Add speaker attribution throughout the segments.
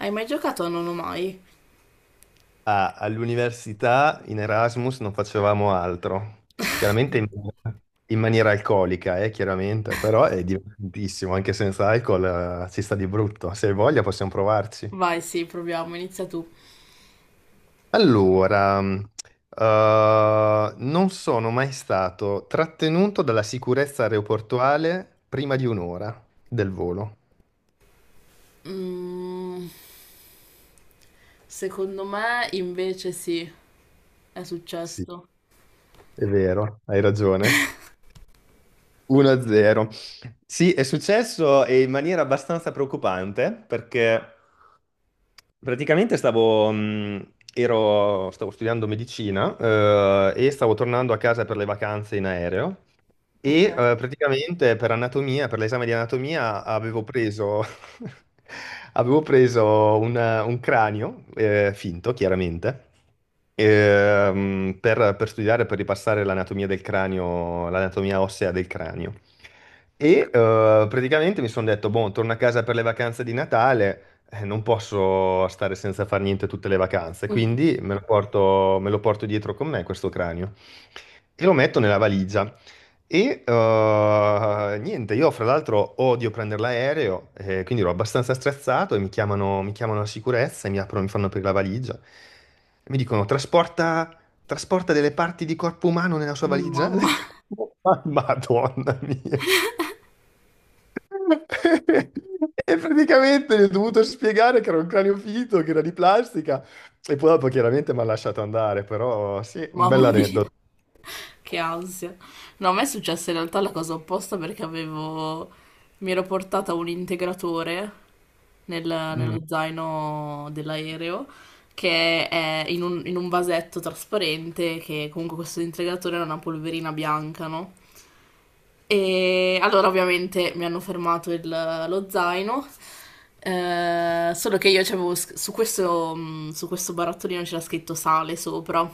Speaker 1: Hai mai giocato a Non ho mai?
Speaker 2: Ah, all'università in Erasmus non facevamo altro, chiaramente in, in maniera alcolica, chiaramente, però è divertentissimo, anche senza alcol, si sta di brutto. Se hai voglia possiamo provarci.
Speaker 1: Vai, sì, proviamo, inizia tu.
Speaker 2: Allora, non sono mai stato trattenuto dalla sicurezza aeroportuale prima di 1 ora del volo.
Speaker 1: Mm, secondo me invece sì, è
Speaker 2: Sì,
Speaker 1: successo.
Speaker 2: è vero, hai ragione. 1-0. Sì, è successo in maniera abbastanza preoccupante perché stavo studiando medicina, e stavo tornando a casa per le vacanze in aereo
Speaker 1: Ok.
Speaker 2: praticamente per anatomia, per l'esame di anatomia, avevo preso, avevo preso un cranio, finto chiaramente, per studiare, per ripassare l'anatomia del cranio, l'anatomia ossea del cranio. Praticamente mi sono detto, boh, torno a casa per le vacanze di Natale, non posso stare senza fare niente tutte le vacanze,
Speaker 1: Mm,
Speaker 2: quindi me lo porto dietro con me questo cranio e lo metto nella valigia. Niente, io fra l'altro odio prendere l'aereo, quindi ero abbastanza stressato e mi chiamano la sicurezza e mi fanno aprire la valigia. E mi dicono, trasporta delle parti di corpo umano nella sua valigia. Ho
Speaker 1: mamma,
Speaker 2: detto, Madonna mia." E praticamente gli ho dovuto spiegare che era un cranio finto, che era di plastica. E poi dopo chiaramente mi ha lasciato andare, però sì, un
Speaker 1: mamma mia,
Speaker 2: bell'aneddoto.
Speaker 1: che ansia. No, a me è successa in realtà la cosa opposta perché avevo... mi ero portata un integratore
Speaker 2: Mm,
Speaker 1: nello zaino dell'aereo che è in un vasetto trasparente che comunque questo integratore era una polverina bianca, no? E allora ovviamente mi hanno fermato lo zaino, solo che io c'avevo su questo barattolino c'era scritto sale sopra,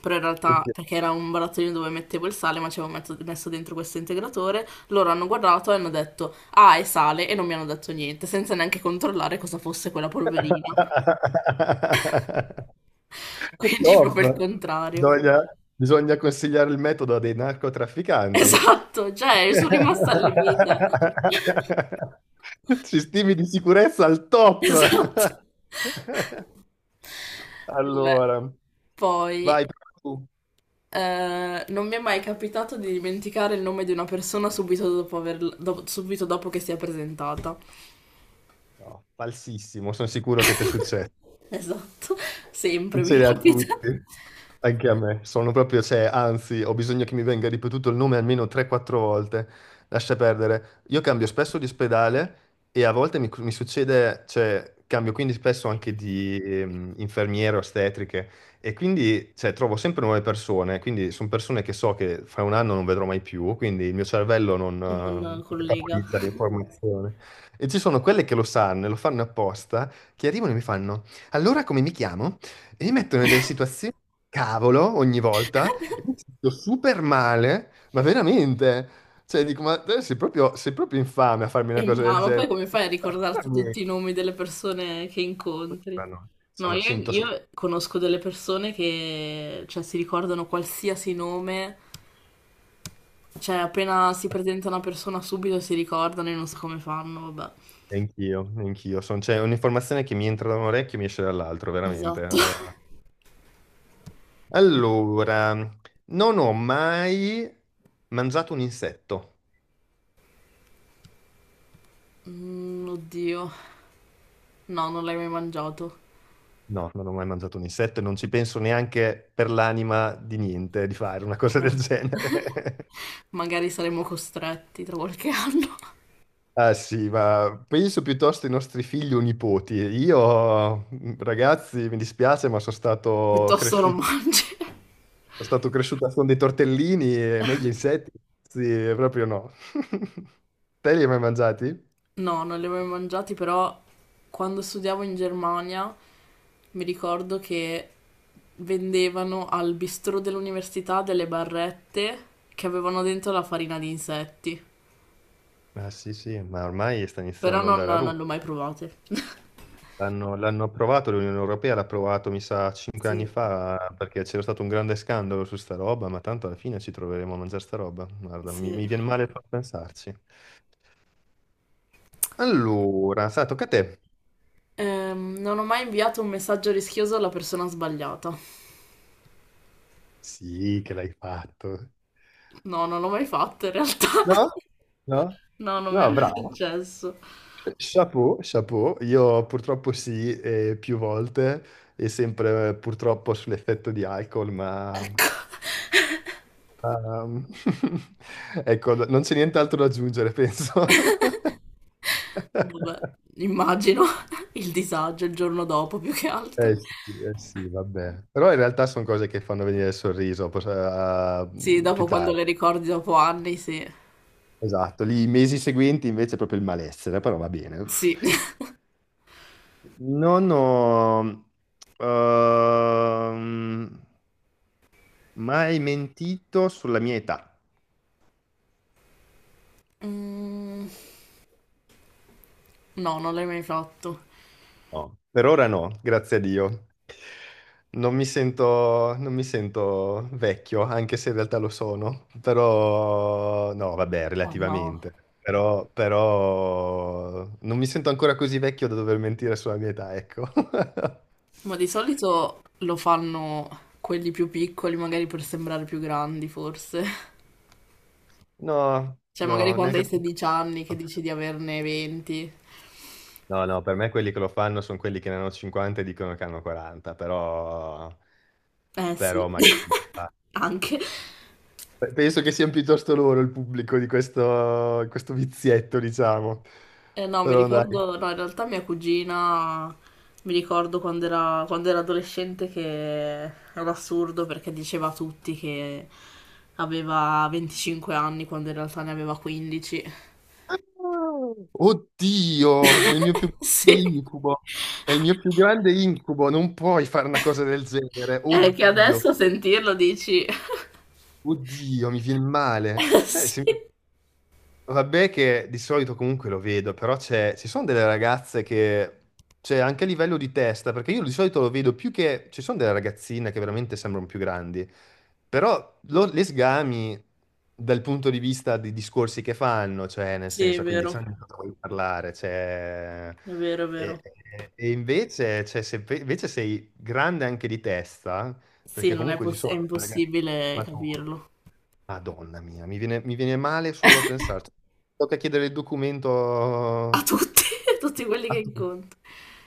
Speaker 1: però in realtà
Speaker 2: ok.
Speaker 1: perché era un barattolino dove mettevo il sale ma ci avevo messo dentro questo integratore, loro hanno guardato e hanno detto ah è sale e non mi hanno detto niente senza neanche controllare cosa fosse quella polverina, quindi proprio il
Speaker 2: Top.
Speaker 1: contrario.
Speaker 2: Bisogna, bisogna consigliare il metodo a dei narcotrafficanti.
Speaker 1: Esatto, cioè sono rimasta allibita.
Speaker 2: Sistemi di sicurezza al
Speaker 1: Esatto.
Speaker 2: top.
Speaker 1: Vabbè.
Speaker 2: Allora,
Speaker 1: Poi,
Speaker 2: vai tu.
Speaker 1: non mi è mai capitato di dimenticare il nome di una persona subito dopo che si è presentata.
Speaker 2: No, falsissimo, sono sicuro che ti è successo.
Speaker 1: Esatto, sempre mi
Speaker 2: Succede a
Speaker 1: capita.
Speaker 2: tutti. Anche a me, sono proprio, cioè, anzi, ho bisogno che mi venga ripetuto il nome almeno 3-4 volte. Lascia perdere. Io cambio spesso di ospedale e a volte mi succede, cioè, cambio quindi spesso anche di infermiere, ostetriche e quindi, cioè, trovo sempre nuove persone. Quindi sono persone che so che fra 1 anno non vedrò mai più, quindi il mio cervello non
Speaker 1: Non
Speaker 2: eh,
Speaker 1: collega.
Speaker 2: metabolizza l'informazione. E ci sono quelle che lo sanno e lo fanno apposta, che arrivano e mi fanno: Allora come mi chiamo? E mi mettono in delle situazioni cavolo ogni volta. E mi sento super male, ma veramente. Cioè, dico, ma te sei proprio infame a farmi
Speaker 1: E
Speaker 2: una
Speaker 1: no,
Speaker 2: cosa del
Speaker 1: ma poi
Speaker 2: genere.
Speaker 1: come fai a
Speaker 2: Allora,
Speaker 1: ricordarti
Speaker 2: niente.
Speaker 1: tutti i nomi delle persone che incontri? No,
Speaker 2: Sono
Speaker 1: io,
Speaker 2: 100
Speaker 1: io conosco delle persone che, cioè, si ricordano qualsiasi nome, cioè, appena si presenta una persona subito si ricordano e non so come fanno, vabbè.
Speaker 2: e anch'io. C'è un'informazione che mi entra da un orecchio e mi esce dall'altro, veramente.
Speaker 1: Esatto.
Speaker 2: Allora, non ho mai mangiato un insetto.
Speaker 1: Mm, oddio. No, non l'hai mai mangiato.
Speaker 2: No, non ho mai mangiato un insetto e non ci penso neanche per l'anima di niente di fare una cosa
Speaker 1: Eh.
Speaker 2: del genere.
Speaker 1: Magari saremo costretti tra qualche anno.
Speaker 2: Ah sì, ma penso piuttosto ai nostri figli o nipoti. Io, ragazzi, mi dispiace, ma
Speaker 1: Piuttosto non mangi.
Speaker 2: sono stato cresciuto con dei tortellini e meglio insetti, sì, proprio no. Te li hai mai mangiati?
Speaker 1: No, non li ho mai mangiati, però quando studiavo in Germania mi ricordo che vendevano al bistrò dell'università delle barrette che avevano dentro la farina di insetti,
Speaker 2: Ah sì, sì, ma ormai sta
Speaker 1: però
Speaker 2: iniziando ad andare a
Speaker 1: non
Speaker 2: ruba.
Speaker 1: le ho mai provate.
Speaker 2: L'hanno approvato, l'Unione Europea l'ha approvato, mi sa, cinque anni
Speaker 1: Sì,
Speaker 2: fa, perché c'era stato un grande scandalo su sta roba, ma tanto alla fine ci troveremo a mangiare sta roba. Guarda,
Speaker 1: sì.
Speaker 2: mi viene male solo a pensarci. Allora, sa, tocca a te.
Speaker 1: Non ho mai inviato un messaggio rischioso alla persona sbagliata.
Speaker 2: Sì, che l'hai fatto.
Speaker 1: No, non l'ho mai fatto in realtà.
Speaker 2: No? No?
Speaker 1: No, non mi è
Speaker 2: No,
Speaker 1: mai
Speaker 2: bravo.
Speaker 1: successo.
Speaker 2: Chapeau, chapeau. Io purtroppo sì, più volte, e sempre purtroppo sull'effetto di alcol, ma...
Speaker 1: Ecco.
Speaker 2: ehm, ecco, no, non c'è nient'altro da aggiungere, penso.
Speaker 1: Vabbè, immagino il disagio il giorno dopo più che altro.
Speaker 2: Eh sì, eh sì, vabbè. Però in realtà sono cose che fanno venire il sorriso,
Speaker 1: Sì,
Speaker 2: più
Speaker 1: dopo quando
Speaker 2: tardi.
Speaker 1: le ricordi dopo anni, sì.
Speaker 2: Esatto, lì i mesi seguenti invece è proprio il malessere, però va bene. Uff.
Speaker 1: Sì.
Speaker 2: Non ho ehm, mai mentito sulla mia età.
Speaker 1: Mm, no, non l'hai mai fatto.
Speaker 2: No. Per ora no, grazie a Dio. Non mi sento vecchio, anche se in realtà lo sono, però no, vabbè,
Speaker 1: Oh no.
Speaker 2: relativamente. Però non mi sento ancora così vecchio da dover mentire sulla mia età, ecco.
Speaker 1: Ma di solito lo fanno quelli più piccoli, magari per sembrare più grandi, forse.
Speaker 2: No,
Speaker 1: Cioè, magari
Speaker 2: no,
Speaker 1: quando hai
Speaker 2: neanche.
Speaker 1: 16 anni che dici di averne 20.
Speaker 2: No, no, per me quelli che lo fanno sono quelli che ne hanno 50 e dicono che hanno 40, però,
Speaker 1: Eh sì,
Speaker 2: però magari... ah,
Speaker 1: anche.
Speaker 2: penso che siano piuttosto loro il pubblico di questo vizietto, diciamo.
Speaker 1: No, mi
Speaker 2: Però dai.
Speaker 1: ricordo, no, in realtà mia cugina, mi ricordo quando era adolescente che era assurdo perché diceva a tutti che aveva 25 anni quando in realtà ne aveva 15.
Speaker 2: Oddio, è il mio più grande
Speaker 1: Sì.
Speaker 2: incubo. È il mio più grande incubo, non puoi fare una cosa del genere.
Speaker 1: È che adesso
Speaker 2: Oddio,
Speaker 1: a sentirlo dici...
Speaker 2: oddio, mi viene male. Sai, se-
Speaker 1: Sì,
Speaker 2: Vabbè che di solito comunque lo vedo, però c'è, ci sono delle ragazze che, cioè anche a livello di testa, perché io di solito lo vedo più che, ci sono delle ragazzine che veramente sembrano più grandi, però le sgami dal punto di vista dei discorsi che fanno, cioè nel
Speaker 1: sì, è
Speaker 2: senso, quindi c'è
Speaker 1: vero,
Speaker 2: anche cosa vuoi parlare, cioè,
Speaker 1: è vero.
Speaker 2: e invece, cioè, se invece sei grande anche di testa,
Speaker 1: Sì,
Speaker 2: perché
Speaker 1: non è,
Speaker 2: comunque ci
Speaker 1: poss- è
Speaker 2: sono delle ragazze...
Speaker 1: impossibile
Speaker 2: mature,
Speaker 1: capirlo.
Speaker 2: Madonna mia, mi viene male solo a pensarci. Tocca chiedere il documento
Speaker 1: A tutti, a tutti quelli che
Speaker 2: a tutti.
Speaker 1: incontro.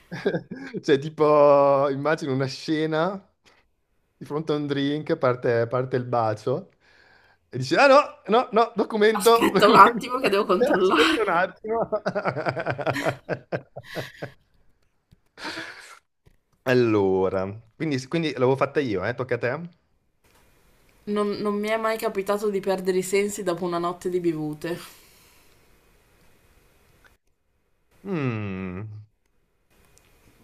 Speaker 2: Cioè, tipo, immagino una scena di fronte a un drink, parte il bacio e dici, ah no, no, no, documento,
Speaker 1: Aspetta un
Speaker 2: documento.
Speaker 1: attimo che devo controllare.
Speaker 2: Aspetta un attimo. Allora, quindi l'avevo fatta io, eh? Tocca a te?
Speaker 1: Non mi è mai capitato di perdere i sensi dopo una notte di bevute.
Speaker 2: Mm,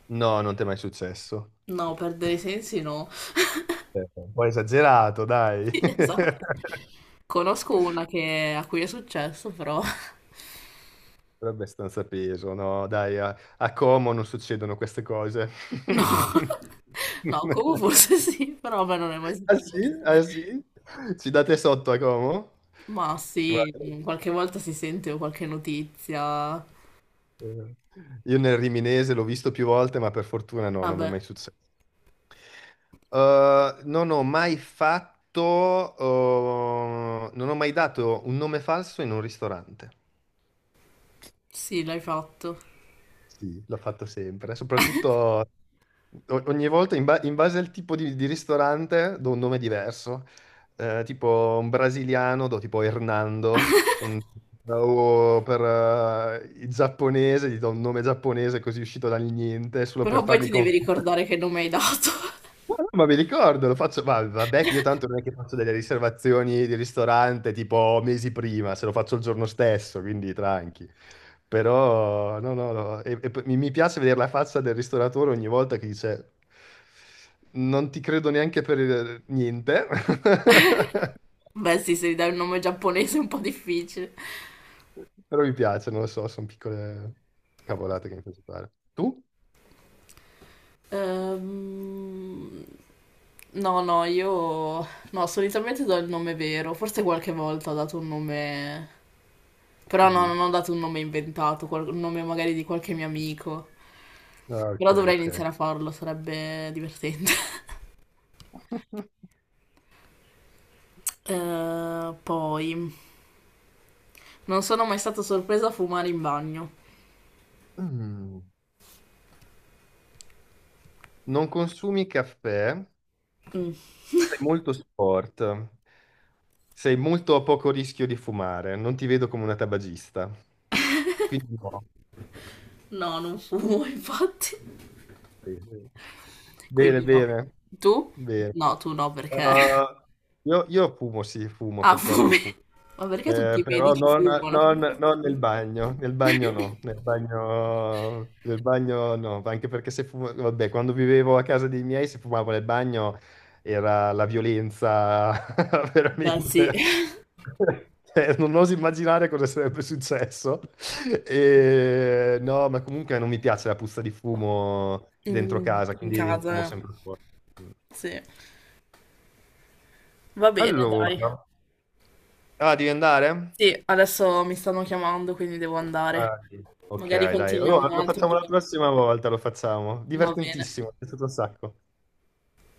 Speaker 2: no, non ti è mai successo.
Speaker 1: No, perdere i sensi no.
Speaker 2: Un po' esagerato, dai.
Speaker 1: Sì,
Speaker 2: Però
Speaker 1: esatto. Conosco una a cui è successo, però...
Speaker 2: è abbastanza peso, no? Dai, a Como non succedono queste cose.
Speaker 1: No, no, come forse sì, però a me non è mai
Speaker 2: Ah sì?
Speaker 1: successo.
Speaker 2: Ah sì? Ci date sotto a Como?
Speaker 1: Ma
Speaker 2: Guarda,
Speaker 1: sì, qualche volta si sente qualche notizia.
Speaker 2: eh, io nel Riminese l'ho visto più volte, ma per fortuna no, non mi è mai
Speaker 1: Vabbè,
Speaker 2: successo. Non ho mai fatto, non ho mai dato un nome falso in un ristorante.
Speaker 1: sì, l'hai fatto.
Speaker 2: Sì, l'ho fatto sempre, soprattutto ogni volta in base al tipo di ristorante do un nome diverso. Tipo un brasiliano do tipo Hernando, un- o per il giapponese gli do un nome giapponese così uscito dal niente, solo per
Speaker 1: Però poi
Speaker 2: farli
Speaker 1: ti devi
Speaker 2: confondere.
Speaker 1: ricordare che nome hai dato.
Speaker 2: No, no, ma mi ricordo, lo faccio, ma vabbè che io tanto non è che faccio delle riservazioni di ristorante tipo mesi prima, se lo faccio il giorno stesso, quindi tranqui. Però, no, no, no, e poi mi piace vedere la faccia del ristoratore ogni volta che dice, non ti credo neanche per il- niente,
Speaker 1: Beh, sì, se gli dai un nome giapponese è un po' difficile.
Speaker 2: però mi piace, non lo so, sono piccole cavolate che mi piace fare. Tu?
Speaker 1: Ehm, No, no, io... No, solitamente do il nome vero. Forse qualche volta ho dato un nome... Però no,
Speaker 2: Così.
Speaker 1: non ho dato un nome inventato, un nome magari di qualche mio amico.
Speaker 2: Ah, ok,
Speaker 1: Però dovrei
Speaker 2: ok.
Speaker 1: iniziare a farlo, sarebbe divertente. Poi... Non sono mai stata sorpresa a fumare in bagno.
Speaker 2: Mm. Non consumi caffè?
Speaker 1: Mm,
Speaker 2: Sei molto sport, sei molto a poco rischio di fumare, non ti vedo come una tabagista. Quindi no.
Speaker 1: No, non fumo, infatti.
Speaker 2: Sì, sì. Bene,
Speaker 1: Quindi no.
Speaker 2: bene,
Speaker 1: Tu?
Speaker 2: bene.
Speaker 1: No, tu no, perché...
Speaker 2: Uh, io fumo, sì, fumo,
Speaker 1: Ha
Speaker 2: purtroppo
Speaker 1: fame.
Speaker 2: fumo.
Speaker 1: Ma perché tutti i
Speaker 2: Però
Speaker 1: medici fumano? Come è
Speaker 2: non nel
Speaker 1: possibile?
Speaker 2: bagno, nel bagno no, nel bagno no, anche perché se fuma- vabbè, quando vivevo a casa dei miei se fumavo nel bagno era la violenza
Speaker 1: Beh, sì.
Speaker 2: veramente. Non oso immaginare cosa sarebbe successo. E, no, ma comunque non mi piace la puzza di fumo dentro
Speaker 1: Mm,
Speaker 2: casa,
Speaker 1: in
Speaker 2: quindi
Speaker 1: casa,
Speaker 2: fumo
Speaker 1: eh.
Speaker 2: sempre fuori. Mm.
Speaker 1: Sì. Va bene, dai.
Speaker 2: Allora, ah, devi andare?
Speaker 1: Sì, adesso mi stanno chiamando, quindi devo andare.
Speaker 2: Ah, sì. Ok,
Speaker 1: Magari
Speaker 2: dai.
Speaker 1: continuiamo
Speaker 2: Allora,
Speaker 1: un
Speaker 2: lo
Speaker 1: altro
Speaker 2: facciamo la
Speaker 1: giorno.
Speaker 2: prossima volta, lo facciamo.
Speaker 1: Va bene.
Speaker 2: Divertentissimo, è stato un sacco.